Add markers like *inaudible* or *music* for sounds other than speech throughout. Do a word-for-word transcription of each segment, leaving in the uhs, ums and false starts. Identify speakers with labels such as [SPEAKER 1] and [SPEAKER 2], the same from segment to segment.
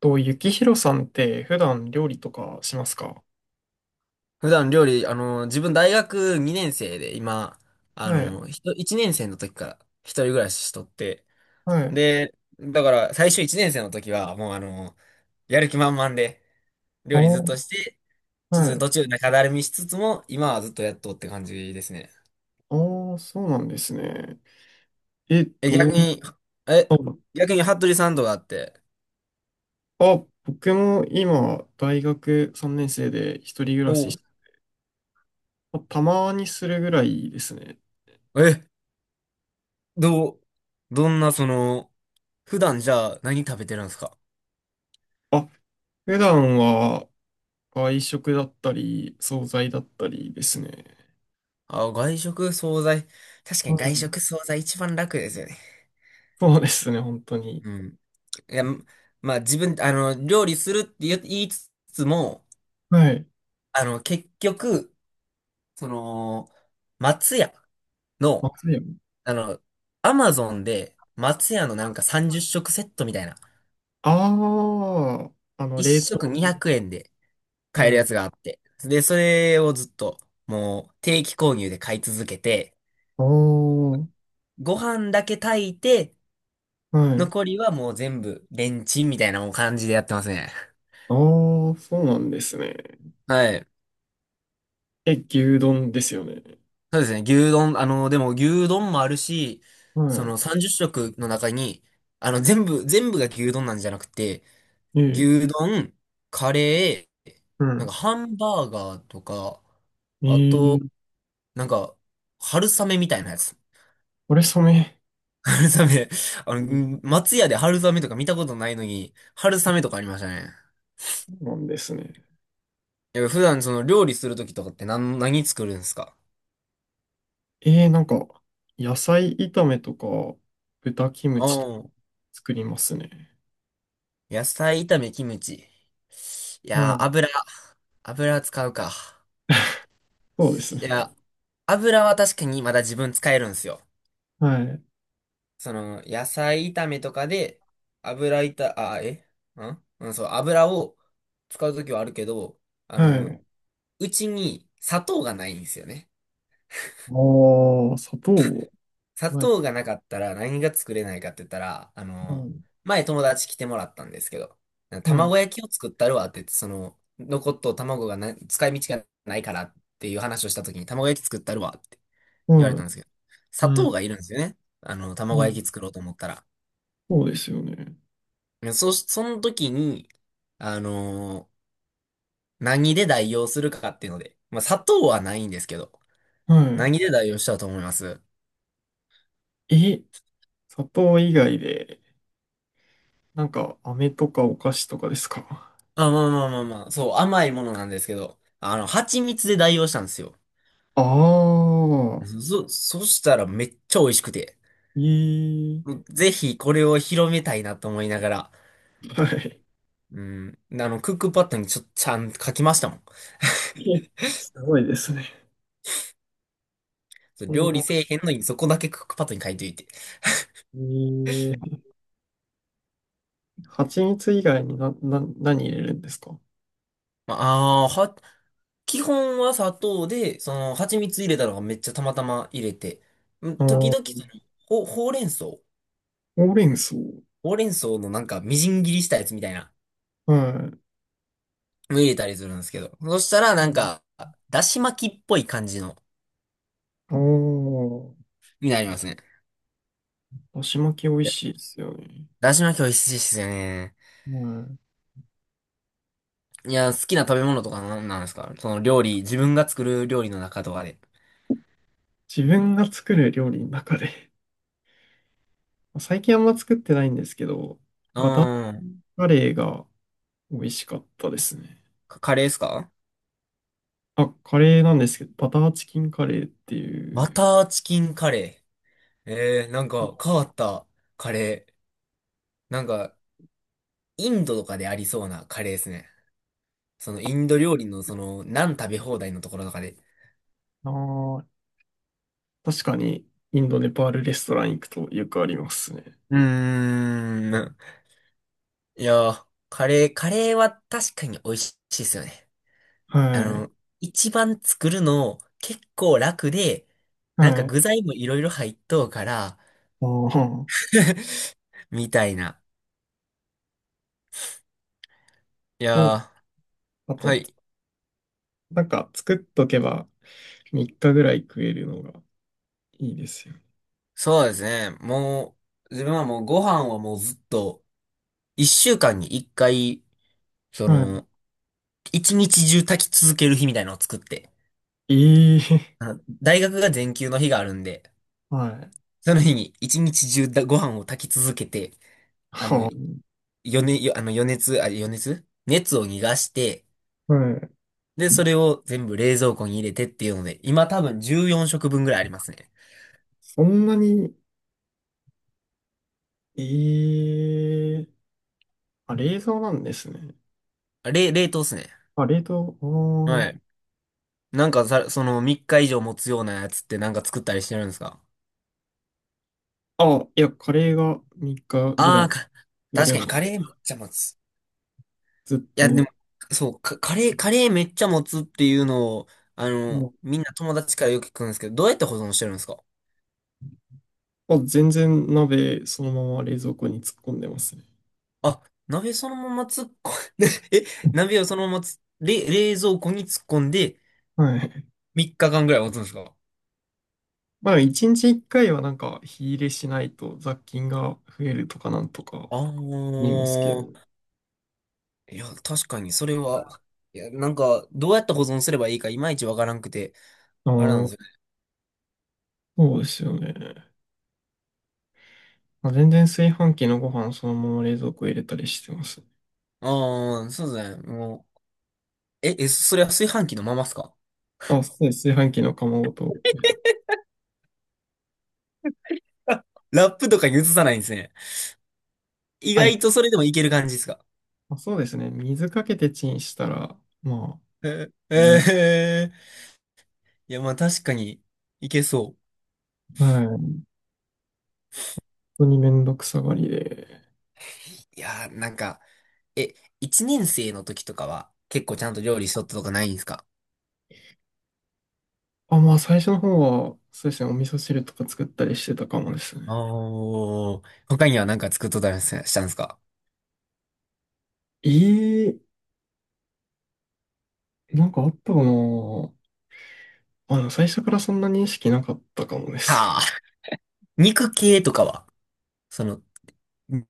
[SPEAKER 1] と、ゆきひろさんって普段料理とかしますか？
[SPEAKER 2] 普段料理、あの、自分大学にねん生で、今、あ
[SPEAKER 1] はい、
[SPEAKER 2] の、ひといちねん生の時から一人暮らししとって、
[SPEAKER 1] はい。
[SPEAKER 2] で、だから最初いちねん生の時は、もうあの、やる気満々で、
[SPEAKER 1] あ
[SPEAKER 2] 料理ずっと
[SPEAKER 1] あ、
[SPEAKER 2] して、ちょっと
[SPEAKER 1] は
[SPEAKER 2] ね途
[SPEAKER 1] い。
[SPEAKER 2] 中中だるみしつつも、今はずっとやっとって感じですね。
[SPEAKER 1] ああ、そうなんですね。え、
[SPEAKER 2] え、
[SPEAKER 1] どう
[SPEAKER 2] 逆
[SPEAKER 1] いっ
[SPEAKER 2] に、え、
[SPEAKER 1] たの？
[SPEAKER 2] 逆に服部さんとかあって、
[SPEAKER 1] あ、僕も今、大学さんねん生で一人暮
[SPEAKER 2] お
[SPEAKER 1] らしし、
[SPEAKER 2] う。
[SPEAKER 1] まあたまにするぐらいですね。
[SPEAKER 2] え、どう、どんなその、普段じゃあ何食べてるんですか？
[SPEAKER 1] あ、普段は外食だったり、惣菜だったりですね。
[SPEAKER 2] あ、外食、惣菜。確か
[SPEAKER 1] は
[SPEAKER 2] に外
[SPEAKER 1] い。
[SPEAKER 2] 食、惣菜一番楽ですよね。
[SPEAKER 1] そうですね、本当に。
[SPEAKER 2] うん。いや、まあ自分、あの、料理するって言言いつつも、
[SPEAKER 1] はい。
[SPEAKER 2] あの、結局、その、松屋
[SPEAKER 1] ま
[SPEAKER 2] の、
[SPEAKER 1] ずいよね。
[SPEAKER 2] あの、アマゾンで松屋のなんかさんじゅっしょく食セットみたいな、
[SPEAKER 1] ああ、あの、冷
[SPEAKER 2] いっしょく食
[SPEAKER 1] 凍。
[SPEAKER 2] にひゃくえんで買える
[SPEAKER 1] は
[SPEAKER 2] や
[SPEAKER 1] い。
[SPEAKER 2] つがあって、で、それをずっと、もう定期購入で買い続けて、
[SPEAKER 1] ああ、
[SPEAKER 2] ご飯だけ炊いて、
[SPEAKER 1] はい。
[SPEAKER 2] 残りはもう全部レンチンみたいなもう感じでやってますね。
[SPEAKER 1] ああー、そうなんですね。
[SPEAKER 2] はい。
[SPEAKER 1] え、牛丼ですよね。
[SPEAKER 2] そうですね。牛丼、あの、でも牛丼もあるし、そのはい。
[SPEAKER 1] は
[SPEAKER 2] さんじゅっしょく食の中に、あの、全部、全部が牛丼なんじゃなくて、
[SPEAKER 1] い。ええ、
[SPEAKER 2] 牛丼、カレー、
[SPEAKER 1] う
[SPEAKER 2] なん
[SPEAKER 1] ん。
[SPEAKER 2] かハンバーガーとか、
[SPEAKER 1] え
[SPEAKER 2] あと、
[SPEAKER 1] え、
[SPEAKER 2] なんか、春雨みたいなやつ。
[SPEAKER 1] これ染め。
[SPEAKER 2] *laughs* 春雨。あ
[SPEAKER 1] う
[SPEAKER 2] の、う
[SPEAKER 1] ん。
[SPEAKER 2] ん、松屋で春雨とか見たことないのに、春雨とかありましたね。
[SPEAKER 1] そうなんですね。
[SPEAKER 2] いや、普段その料理するときとかって何、何作るんですか？
[SPEAKER 1] ええ、なんか、野菜炒めとか、豚キム
[SPEAKER 2] う
[SPEAKER 1] チとか
[SPEAKER 2] ん。
[SPEAKER 1] 作りますね。
[SPEAKER 2] 野菜炒め、キムチ。い
[SPEAKER 1] は
[SPEAKER 2] やー、
[SPEAKER 1] い。
[SPEAKER 2] 油、油使うか。
[SPEAKER 1] そうです
[SPEAKER 2] い
[SPEAKER 1] ね。
[SPEAKER 2] や、油は確かにまだ自分使えるんですよ。
[SPEAKER 1] はい。
[SPEAKER 2] その、野菜炒めとかで、油炒、あ、えんうん、そう、油を使うときはあるけど、あ
[SPEAKER 1] は
[SPEAKER 2] の、
[SPEAKER 1] い。
[SPEAKER 2] うちに砂糖がないんですよね。
[SPEAKER 1] ああ、砂糖。
[SPEAKER 2] 砂
[SPEAKER 1] はい。
[SPEAKER 2] 糖がなかったら何が作れないかって言ったら、あ
[SPEAKER 1] は
[SPEAKER 2] の、
[SPEAKER 1] い。
[SPEAKER 2] 前友達来てもらったんですけど、
[SPEAKER 1] はい。
[SPEAKER 2] 卵焼きを作ったるわって言って、その、残っとう卵がな、使い道がないからっていう話をしたときに、卵焼き作ったるわって言われた
[SPEAKER 1] は
[SPEAKER 2] んで
[SPEAKER 1] い。
[SPEAKER 2] すけど、
[SPEAKER 1] う
[SPEAKER 2] 砂糖
[SPEAKER 1] ん。
[SPEAKER 2] がいるんですよね。あの、
[SPEAKER 1] う
[SPEAKER 2] 卵焼き
[SPEAKER 1] ん。
[SPEAKER 2] 作ろうと思ったら。
[SPEAKER 1] そうですよね。
[SPEAKER 2] でそ、その時に、あのー何で代用するかっていうので、まあ、砂糖はないんですけど、
[SPEAKER 1] は
[SPEAKER 2] 何で代用したと思います？
[SPEAKER 1] い。え、砂糖以外で、なんか、飴とかお菓子とかですか？
[SPEAKER 2] あ、まあまあまあまあ、そう、甘いものなんですけど、あの、蜂蜜で代用したんですよ。
[SPEAKER 1] ああ、
[SPEAKER 2] そ、そしたらめっちゃ美味しくて、
[SPEAKER 1] ええ、
[SPEAKER 2] ぜひこれを広めたいなと思いながら、
[SPEAKER 1] はい。
[SPEAKER 2] うん、あの、クックパッドにちょ、ちゃんと書きましたもん。
[SPEAKER 1] *laughs* すごいですね。
[SPEAKER 2] そう、
[SPEAKER 1] そん
[SPEAKER 2] 料理
[SPEAKER 1] な、
[SPEAKER 2] せえへんのにそこだけクックパッドに書いといて。
[SPEAKER 1] ええ、蜂蜜以外にな、な、何入れるんですか？
[SPEAKER 2] まあ、あーは、基本は砂糖で、その、蜂蜜入れたのがめっちゃたまたま入れて、うん、
[SPEAKER 1] ああ、
[SPEAKER 2] 時
[SPEAKER 1] ほ
[SPEAKER 2] 々その、ほ、ほうれん草ほ
[SPEAKER 1] うれん草。
[SPEAKER 2] うれん草のなんかみじん切りしたやつみたいな
[SPEAKER 1] はい。
[SPEAKER 2] の入れたりするんですけど、そしたらなんか、だし巻きっぽい感じの、
[SPEAKER 1] ああ、
[SPEAKER 2] になりますね。
[SPEAKER 1] だし巻き美味しいですよね。
[SPEAKER 2] だし巻き美味しいですよね。
[SPEAKER 1] はい。
[SPEAKER 2] いや、好きな食べ物とかなんなんですか？その料理、自分が作る料理の中とかで。
[SPEAKER 1] 自分が作る料理の中で、*laughs* 最近あんま作ってないんですけど、
[SPEAKER 2] う
[SPEAKER 1] バター
[SPEAKER 2] ーん。
[SPEAKER 1] カレーが美味しかったですね。
[SPEAKER 2] カカレーですか？
[SPEAKER 1] あ、カレーなんですけど、バターチキンカレーって
[SPEAKER 2] バ
[SPEAKER 1] いう、
[SPEAKER 2] ターチキンカレー。えー、なんか変わったカレー。なんか、インドとかでありそうなカレーですね。そのインド料理のその、ナン食べ放題のところとかで。
[SPEAKER 1] あー、確かに、インド、ネパールレストラン行くとよくありますね。
[SPEAKER 2] うーん。いやー、カレー、カレーは確かに美味しいですよね。あ
[SPEAKER 1] は
[SPEAKER 2] の、
[SPEAKER 1] い。
[SPEAKER 2] 一番作るの結構楽で、なん
[SPEAKER 1] は
[SPEAKER 2] か
[SPEAKER 1] い。ああ、
[SPEAKER 2] 具材もいろいろ入っとうから、
[SPEAKER 1] そ
[SPEAKER 2] *laughs* みたいな。い
[SPEAKER 1] う。
[SPEAKER 2] や
[SPEAKER 1] あ
[SPEAKER 2] ー、
[SPEAKER 1] と、
[SPEAKER 2] はい。
[SPEAKER 1] なんか作っとけばみっかぐらい食えるのがいいですよ。
[SPEAKER 2] そうですね。もう、自分はもうご飯はもうずっと、一週間に一回、そ
[SPEAKER 1] は
[SPEAKER 2] の、一日中炊き続ける日みたいなのを作って、
[SPEAKER 1] い。ええ、
[SPEAKER 2] あの大学が全休の日があるんで、
[SPEAKER 1] はい。
[SPEAKER 2] その日に一日中だご飯を炊き続けて、あの、
[SPEAKER 1] は
[SPEAKER 2] 余熱、よあの余熱、あ、余熱熱を逃がして、
[SPEAKER 1] あ、はい。
[SPEAKER 2] で、それを全部冷蔵庫に入れてっていうので、今多分じゅうよんしょく食分ぐらいありますね。
[SPEAKER 1] そんなに、ええ、あ、冷蔵なんですね。
[SPEAKER 2] あれ、冷凍っすね。
[SPEAKER 1] あ、冷凍、
[SPEAKER 2] はい。なんかさ、そのみっか以上持つようなやつってなんか作ったりしてるんですか？
[SPEAKER 1] ああ。あ、いや、カレーがみっかぐ
[SPEAKER 2] あ
[SPEAKER 1] らい
[SPEAKER 2] あー、か、
[SPEAKER 1] 食え
[SPEAKER 2] 確
[SPEAKER 1] るな。
[SPEAKER 2] かにカ
[SPEAKER 1] *laughs*
[SPEAKER 2] レーめっちゃ持つ。
[SPEAKER 1] ずっ
[SPEAKER 2] いや、で
[SPEAKER 1] と。
[SPEAKER 2] も、そう、カカレー、カレーめっちゃ持つっていうのを、あ
[SPEAKER 1] う
[SPEAKER 2] の、
[SPEAKER 1] ん。
[SPEAKER 2] みんな友達からよく聞くんですけど、どうやって保存してるんですか？
[SPEAKER 1] あ、全然鍋そのまま冷蔵庫に突っ込んでますね。
[SPEAKER 2] あ、鍋そのまま突っ込んで *laughs*、え、鍋をそのままつ、れ、冷蔵庫に突っ込んで、
[SPEAKER 1] はい。
[SPEAKER 2] みっかかんぐらい持つんですか？
[SPEAKER 1] まあ、一日一回はなんか火入れしないと雑菌が増えるとかなんとか
[SPEAKER 2] ああ
[SPEAKER 1] 言いますけど。
[SPEAKER 2] ー、いや、確かに、それは、いや、なんか、どうやって保存すればいいか、いまいちわからんくて、
[SPEAKER 1] あ
[SPEAKER 2] あれなんで
[SPEAKER 1] あ、
[SPEAKER 2] すよね。
[SPEAKER 1] そうですよね。まあ、全然炊飯器のご飯そのまま冷蔵庫入れたりしてます。
[SPEAKER 2] ああ、そうですね、もう、え、え、それは炊飯器のままっすか？
[SPEAKER 1] あ、そうです。炊飯器の釜ごと。
[SPEAKER 2] ラップとかに移さないんですね。意
[SPEAKER 1] はい。
[SPEAKER 2] 外とそれでもいける感じですか？
[SPEAKER 1] まあ、そうですね。水かけてチンしたら、まあ、
[SPEAKER 2] *laughs*
[SPEAKER 1] うん。
[SPEAKER 2] え、ええいや、まあ確かに、いけそう。
[SPEAKER 1] あ、はい。本当にめんどくさがりで。
[SPEAKER 2] いやー、なんか、え、一年生の時とかは、結構ちゃんと料理しとったとかないんですか？
[SPEAKER 1] あ、まあ最初の方は、そうですね。お味噌汁とか作ったりしてたかもですね。
[SPEAKER 2] おー、他には何か作っとったりしたんですか？
[SPEAKER 1] ええ、なんかあったかな。まあ、でも最初からそんな認識なかったかもです
[SPEAKER 2] は
[SPEAKER 1] ね。
[SPEAKER 2] あ、肉系とかは、その、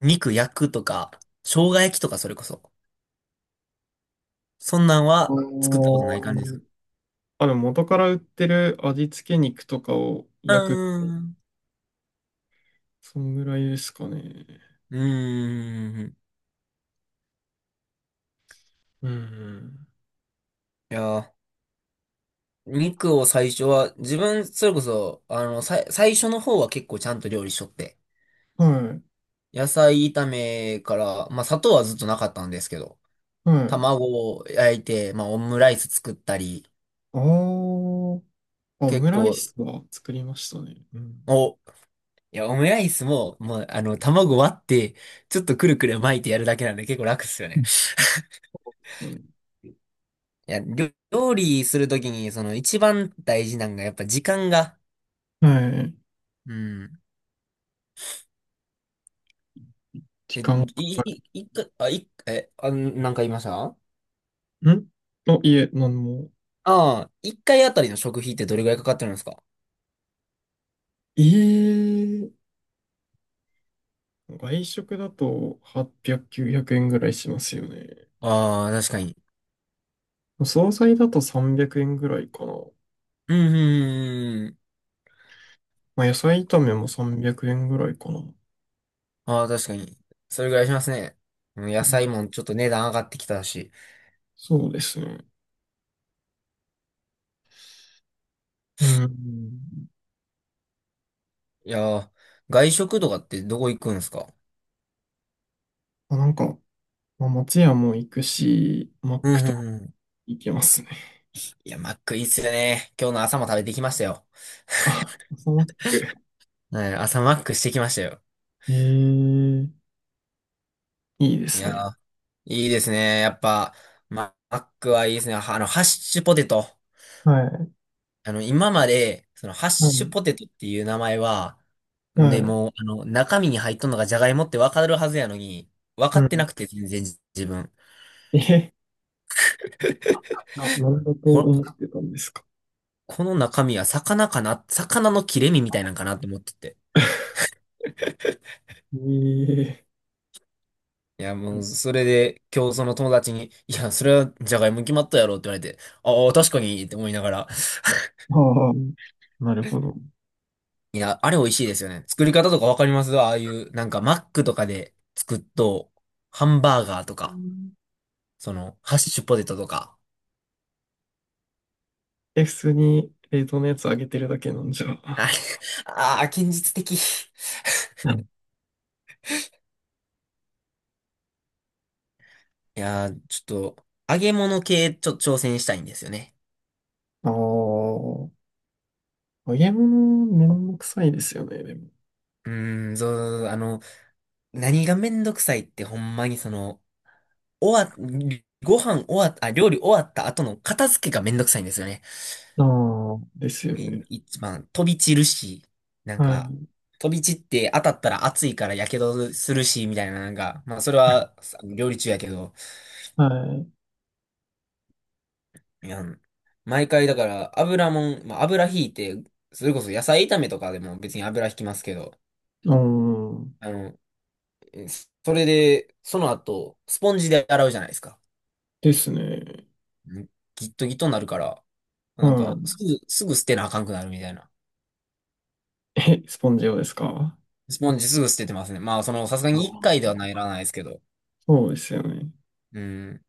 [SPEAKER 2] 肉焼くとか、生姜焼きとかそれこそ。そんなんは
[SPEAKER 1] あ
[SPEAKER 2] 作ったことない感じです
[SPEAKER 1] の
[SPEAKER 2] か？
[SPEAKER 1] あ、でも元から売ってる味付け肉とかを
[SPEAKER 2] う
[SPEAKER 1] 焼く。
[SPEAKER 2] ーん。
[SPEAKER 1] そんぐらいですかね。
[SPEAKER 2] うーん。
[SPEAKER 1] うん。
[SPEAKER 2] いやー、肉を最初は、自分、それこそ、あの、さい、最初の方は結構ちゃんと料理しとって。
[SPEAKER 1] はい。
[SPEAKER 2] 野菜炒めから、まあ砂糖はずっとなかったんですけど、
[SPEAKER 1] はい。
[SPEAKER 2] 卵を焼いて、まあオムライス作ったり、
[SPEAKER 1] あー、あ、オ
[SPEAKER 2] 結
[SPEAKER 1] ムライ
[SPEAKER 2] 構、
[SPEAKER 1] スは作りましたね。うん。
[SPEAKER 2] お、いや、オムライスも、もう、あの、卵割って、ちょっとくるくる巻いてやるだけなんで結構楽っすよ
[SPEAKER 1] う
[SPEAKER 2] ね。
[SPEAKER 1] ん。そうですよね、
[SPEAKER 2] いや、料料理するときに、その一番大事なのがやっぱ時間が、
[SPEAKER 1] はい。
[SPEAKER 2] うん。
[SPEAKER 1] 時
[SPEAKER 2] で、
[SPEAKER 1] 間か
[SPEAKER 2] い、い、
[SPEAKER 1] か
[SPEAKER 2] い、一回あ、い、え、あ、なんか言いましたあ？
[SPEAKER 1] る。んあ、いえ、なんも。
[SPEAKER 2] あ、一回あたりの食費ってどれぐらいかかってるんですか？
[SPEAKER 1] ええ、外食だとはっぴゃく、きゅうひゃくえんぐらいしますよね。
[SPEAKER 2] ああー、確かに。
[SPEAKER 1] 惣菜だとさんびゃくえんぐらいかな。
[SPEAKER 2] うん、うんうんうん、
[SPEAKER 1] まあ、野菜炒めもさんびゃくえんぐらいかな。
[SPEAKER 2] ああ、確かに。それぐらいしますね。うん、野菜もちょっと値段上がってきたし。
[SPEAKER 1] そうですね。うん。
[SPEAKER 2] いやー、外食とかってどこ行くんですか？
[SPEAKER 1] まあ、なんか、まあ、松屋も行くし、マッ
[SPEAKER 2] うん
[SPEAKER 1] クと
[SPEAKER 2] う
[SPEAKER 1] か
[SPEAKER 2] んうん。
[SPEAKER 1] 行けますね。
[SPEAKER 2] いや、マックいいっすよね。今日の朝も食べてきましたよ。
[SPEAKER 1] *laughs* あ、朝マック。
[SPEAKER 2] はい、朝マックしてきましたよ。
[SPEAKER 1] ええ、いいで
[SPEAKER 2] い
[SPEAKER 1] す
[SPEAKER 2] や
[SPEAKER 1] ね。
[SPEAKER 2] ー、いいですね。やっぱ、ママックはいいですね。はあの、ハッシュポテト。
[SPEAKER 1] はい。
[SPEAKER 2] あの、今まで、その、ハッ
[SPEAKER 1] は
[SPEAKER 2] シュ
[SPEAKER 1] い。
[SPEAKER 2] ポテトっていう名前は、で、
[SPEAKER 1] はい。
[SPEAKER 2] もう、あの、中身に入っとんのがジャガイモってわかるはずやのに、分
[SPEAKER 1] う
[SPEAKER 2] かって
[SPEAKER 1] ん。
[SPEAKER 2] なくて、全然自分。
[SPEAKER 1] え、な、なんだと思
[SPEAKER 2] こ
[SPEAKER 1] ってたんですか。
[SPEAKER 2] この中身は魚かな、魚の切れ身みたいなんかなって思ってて。
[SPEAKER 1] *laughs* ええ、
[SPEAKER 2] いや、もう、それで、今日その友達に、いや、それはじゃがいも決まったやろって言われて、ああ、確かにって思いながら。*laughs*
[SPEAKER 1] ああ、なるほど。
[SPEAKER 2] いや、あれ美味しいですよね。作り方とかわかります？ああいう、なんかマックとかで作っと、ハンバーガーとか、その、ハッシュポテトとか。
[SPEAKER 1] え、普通に冷凍のやつあげてるだけなんじゃ。う
[SPEAKER 2] あれ、ああ、現実的。い
[SPEAKER 1] ん。
[SPEAKER 2] やー、ちょっと、揚げ物系、ちょっと挑戦したいんですよね。
[SPEAKER 1] ああ。揚げ物、めんどくさいですよね、でも。
[SPEAKER 2] うーん、そう、あの、何がめんどくさいってほんまにその、終わ、ご飯終わっあ、料理終わった後の片付けがめんどくさいんですよね。
[SPEAKER 1] ああ、ですよね。
[SPEAKER 2] み一番飛び散るし、なん
[SPEAKER 1] は
[SPEAKER 2] か、
[SPEAKER 1] い。
[SPEAKER 2] 飛び散って当たったら熱いから火傷するし、みたいな、なんか、まあそれはさ料理中やけど、
[SPEAKER 1] は
[SPEAKER 2] いや、毎回だから油もん、まあ、油引いて、それこそ野菜炒めとかでも別に油引きますけど、
[SPEAKER 1] い。うん。
[SPEAKER 2] あの、えそれで、その後、スポンジで洗うじゃないですか。
[SPEAKER 1] ですね。
[SPEAKER 2] んギットギットになるから、
[SPEAKER 1] う
[SPEAKER 2] なんか、
[SPEAKER 1] ん。
[SPEAKER 2] すぐ、すぐ捨てなあかんくなるみたいな。
[SPEAKER 1] え、スポンジ用ですか？
[SPEAKER 2] スポンジすぐ捨ててますね。まあ、その、さすが
[SPEAKER 1] あ
[SPEAKER 2] にいっかいで
[SPEAKER 1] あ、
[SPEAKER 2] はならないですけど。
[SPEAKER 1] そうですよね。
[SPEAKER 2] うん。